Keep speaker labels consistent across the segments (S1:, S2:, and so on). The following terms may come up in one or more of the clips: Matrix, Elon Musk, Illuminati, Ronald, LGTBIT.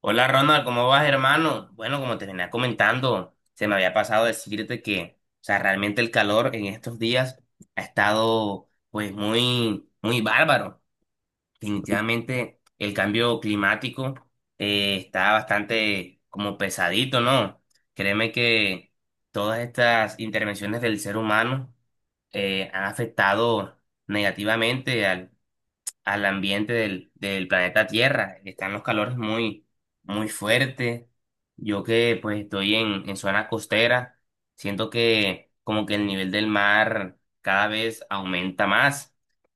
S1: Hola Ronald, ¿cómo vas, hermano? Bueno, como te venía comentando, se me había pasado decirte que realmente el calor en estos días ha estado, pues, muy, muy bárbaro. Definitivamente el cambio climático está bastante como pesadito, ¿no? Créeme que todas estas intervenciones del ser humano han afectado negativamente al ambiente del planeta Tierra. Están los calores muy, muy fuertes. Yo que pues estoy en zona costera, siento que como que el nivel del mar cada vez aumenta más.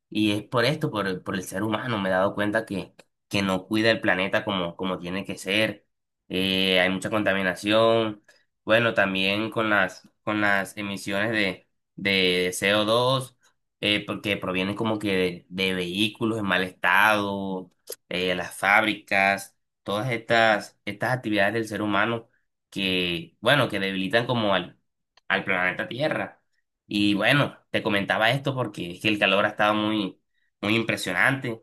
S1: Y es por esto, por el ser humano. Me he dado cuenta que no cuida el planeta como, como tiene que ser. Hay mucha contaminación. Bueno, también con las emisiones de CO2, porque provienen como que de vehículos en mal estado, las fábricas, todas estas actividades del ser humano que, bueno, que debilitan como al planeta Tierra. Y bueno, te comentaba esto porque es que el calor ha estado muy, muy impresionante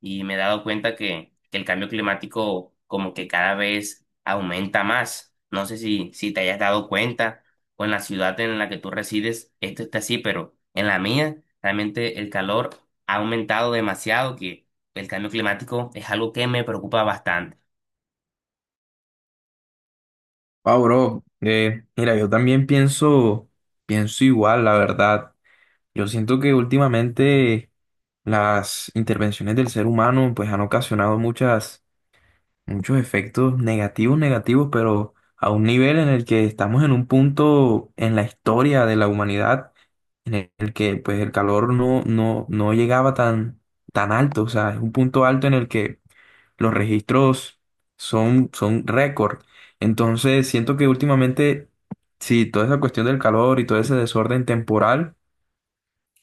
S1: y me he dado cuenta que el cambio climático como que cada vez aumenta más. No sé si te hayas dado cuenta o en la ciudad en la que tú resides, esto está así, pero en la mía realmente el calor ha aumentado demasiado, que el cambio climático es algo que me preocupa bastante.
S2: Ah, bro, mira, yo también pienso igual, la verdad. Yo siento que últimamente las intervenciones del ser humano pues han ocasionado muchos efectos negativos, pero a un nivel en el que estamos en un punto en la historia de la humanidad en el que pues el calor no llegaba tan alto, o sea, es un punto alto en el que los registros son récord. Entonces, siento que últimamente, sí, toda esa cuestión del calor y todo ese desorden temporal,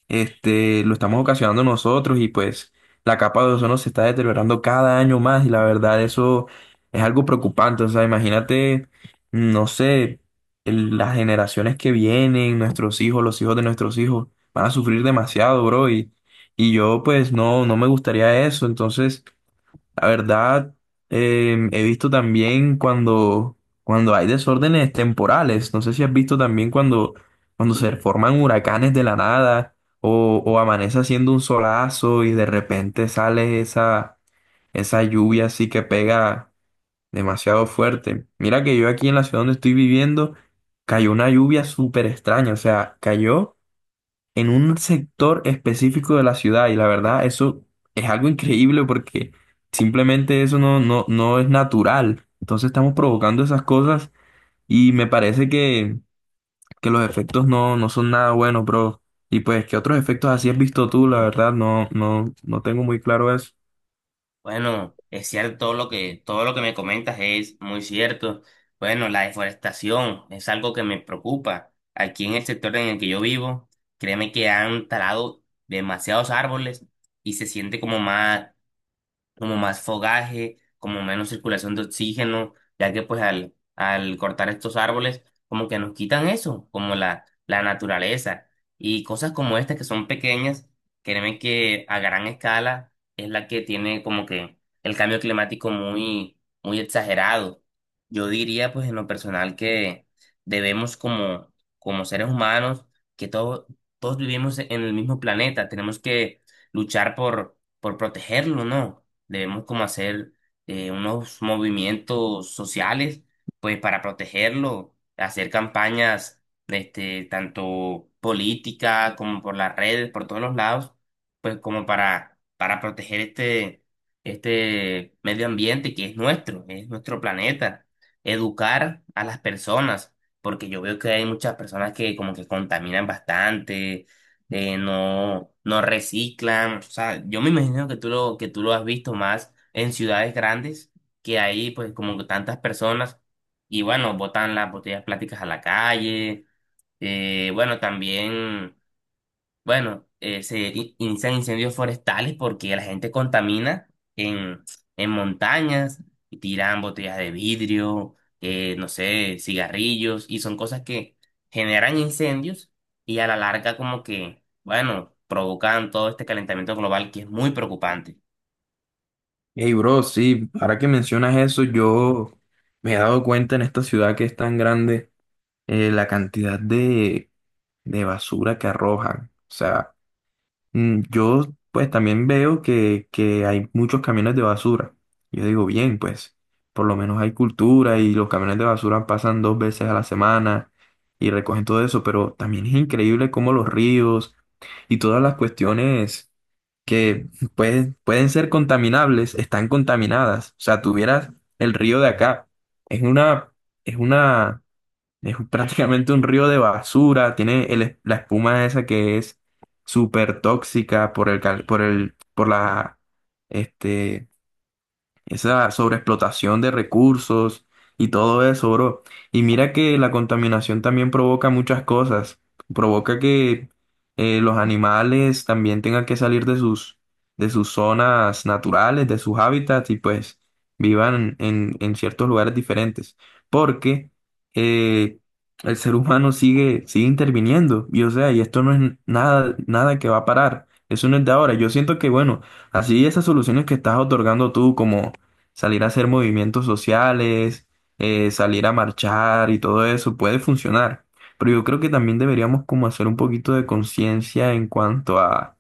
S2: lo estamos ocasionando nosotros y pues la capa de ozono se está deteriorando cada año más y la verdad eso es algo preocupante. O sea, imagínate, no sé, las generaciones que vienen, nuestros hijos, los hijos de nuestros hijos, van a sufrir demasiado, bro, y yo pues no me gustaría eso. Entonces, la verdad, he visto también cuando hay desórdenes temporales. No sé si has visto también cuando se forman huracanes de la nada o amanece haciendo un solazo y de repente sale esa lluvia así que pega demasiado fuerte. Mira que yo aquí en la ciudad donde estoy viviendo cayó una lluvia súper extraña. O sea, cayó en un sector específico de la ciudad y la verdad eso es algo increíble porque simplemente eso no es natural. Entonces estamos provocando esas cosas y me parece que los efectos no son nada buenos, bro. Y pues, ¿qué otros efectos así has visto tú? La verdad, no tengo muy claro eso.
S1: Bueno, es cierto todo todo lo que me comentas es muy cierto. Bueno, la deforestación es algo que me preocupa. Aquí en el sector en el que yo vivo, créeme que han talado demasiados árboles y se siente como más fogaje, como menos circulación de oxígeno, ya que pues al cortar estos árboles, como que nos quitan eso, como la naturaleza. Y cosas como estas que son pequeñas, créeme que a gran escala es la que tiene como que el cambio climático muy, muy exagerado. Yo diría pues en lo personal que debemos como, como seres humanos, que todos, todos vivimos en el mismo planeta, tenemos que luchar por protegerlo, ¿no? Debemos como hacer unos movimientos sociales, pues para protegerlo, hacer campañas, este, tanto política como por las redes, por todos los lados, pues como para proteger este, este medio ambiente que es nuestro planeta, educar a las personas, porque yo veo que hay muchas personas que como que contaminan bastante, no, no reciclan. O sea, yo me imagino que que tú lo has visto más en ciudades grandes, que ahí pues como que tantas personas y bueno, botan las botellas plásticas a la calle. Bueno, también bueno, se inician incendios forestales porque la gente contamina en, en montañas y tiran botellas de vidrio, no sé, cigarrillos y son cosas que generan incendios y a la larga como que, bueno, provocan todo este calentamiento global que es muy preocupante.
S2: Hey, bro, sí, ahora que mencionas eso, yo me he dado cuenta en esta ciudad que es tan grande, la cantidad de basura que arrojan. O sea, mm, yo pues también veo que hay muchos camiones de basura. Yo digo, bien, pues por lo menos hay cultura y los camiones de basura pasan dos veces a la semana y recogen todo eso, pero también es increíble cómo los ríos y todas las cuestiones que pueden ser contaminables están contaminadas. O sea, tuvieras el río de acá. Es una, es una, es prácticamente un río de basura, tiene el la espuma esa que es súper tóxica por este, esa sobreexplotación de recursos y todo eso, bro. Y mira que la contaminación también provoca muchas cosas. Provoca que los animales también tengan que salir de de sus zonas naturales, de sus hábitats y pues vivan en ciertos lugares diferentes. Porque eh, el ser humano sigue interviniendo. Y o sea, y esto no es nada que va a parar. Eso no es de ahora. Yo siento que, bueno, así esas soluciones que estás otorgando tú como salir a hacer movimientos sociales, salir a marchar y todo eso puede funcionar. Pero yo creo que también deberíamos como hacer un poquito de conciencia en cuanto a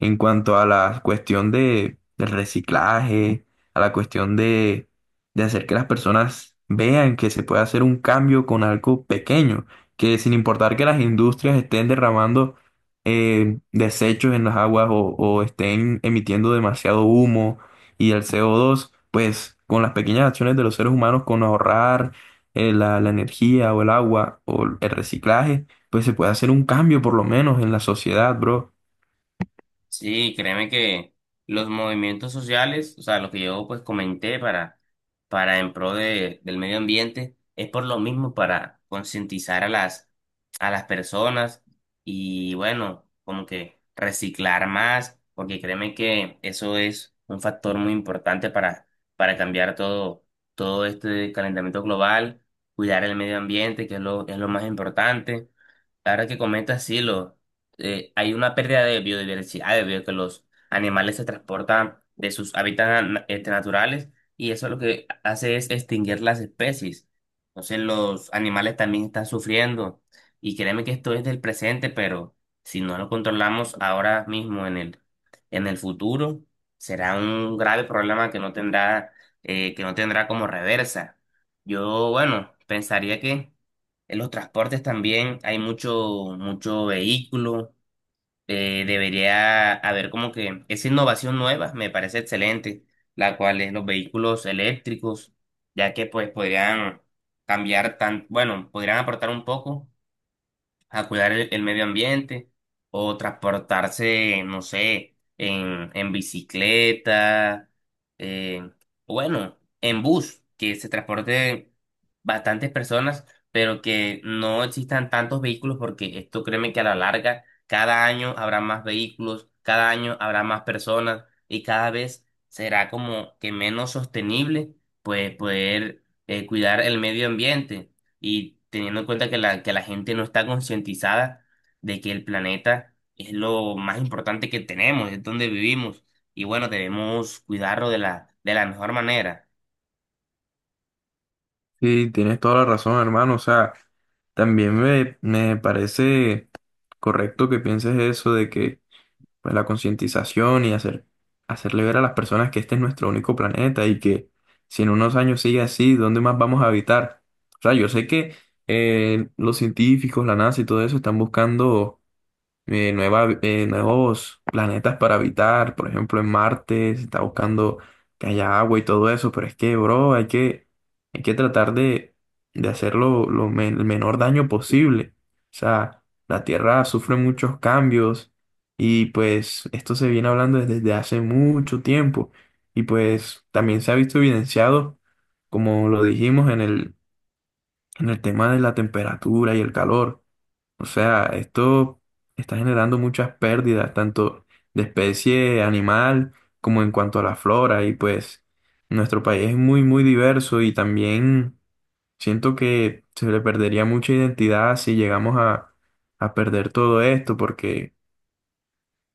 S2: la cuestión del reciclaje, a la cuestión de hacer que las personas vean que se puede hacer un cambio con algo pequeño, que sin importar que las industrias estén derramando desechos en las aguas o estén emitiendo demasiado humo y el CO2, pues con las pequeñas acciones de los seres humanos, con ahorrar la energía o el agua o el reciclaje, pues se puede hacer un cambio por lo menos en la sociedad, bro.
S1: Sí, créeme que los movimientos sociales, o sea, lo que yo pues comenté para en pro del medio ambiente, es por lo mismo para concientizar a a las personas y bueno, como que reciclar más, porque créeme que eso es un factor muy importante para cambiar todo, todo este calentamiento global, cuidar el medio ambiente, que es lo más importante. Ahora que comentas, sí, hay una pérdida de biodiversidad debido a que los animales se transportan de sus hábitats este, naturales y eso lo que hace es extinguir las especies. Entonces los animales también están sufriendo y créeme que esto es del presente, pero si no lo controlamos ahora mismo en en el futuro, será un grave problema que no tendrá, que no tendrá como reversa. Yo, bueno, pensaría que en los transportes también hay mucho, mucho vehículo. Debería haber como que esa innovación nueva me parece excelente, la cual es los vehículos eléctricos, ya que pues podrían cambiar tan, bueno, podrían aportar un poco a cuidar el medio ambiente o transportarse, no sé, en bicicleta, eh, bueno, en bus, que se transporte bastantes personas, pero que no existan tantos vehículos porque esto créeme que a la larga cada año habrá más vehículos, cada año habrá más personas y cada vez será como que menos sostenible pues poder cuidar el medio ambiente y teniendo en cuenta que que la gente no está concientizada de que el planeta es lo más importante que tenemos, es donde vivimos, y bueno, debemos cuidarlo de de la mejor manera.
S2: Sí, tienes toda la razón, hermano. O sea, también me parece correcto que pienses eso de que pues, la concientización y hacerle ver a las personas que este es nuestro único planeta y que si en unos años sigue así, ¿dónde más vamos a habitar? O sea, yo sé que los científicos, la NASA y todo eso están buscando nuevos planetas para habitar. Por ejemplo, en Marte se está buscando que haya agua y todo eso, pero es que, bro, hay que tratar de hacerlo lo el menor daño posible. O sea, la Tierra sufre muchos cambios y pues esto se viene hablando desde hace mucho tiempo y pues también se ha visto evidenciado, como lo dijimos en en el tema de la temperatura y el calor. O sea, esto está generando muchas pérdidas, tanto de especie animal como en cuanto a la flora. Y pues nuestro país es muy diverso y también siento que se le perdería mucha identidad si llegamos a perder todo esto,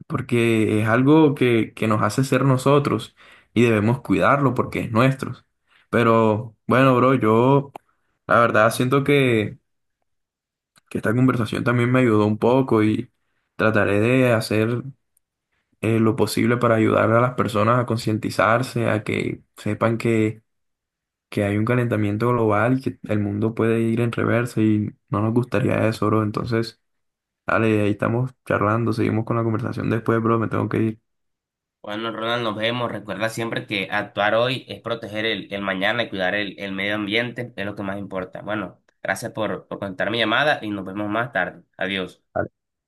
S2: porque es algo que nos hace ser nosotros y debemos cuidarlo porque es nuestro. Pero bueno, bro, yo la verdad siento que esta conversación también me ayudó un poco y trataré de hacer lo posible para ayudar a las personas a concientizarse, a que sepan que hay un calentamiento global y que el mundo puede ir en reversa y no nos gustaría eso, bro. Entonces, dale, ahí estamos charlando, seguimos con la conversación después, bro, me tengo que ir.
S1: Bueno, Ronald, nos vemos. Recuerda siempre que actuar hoy es proteger el mañana y cuidar el medio ambiente, es lo que más importa. Bueno, gracias por contar mi llamada y nos vemos más tarde. Adiós.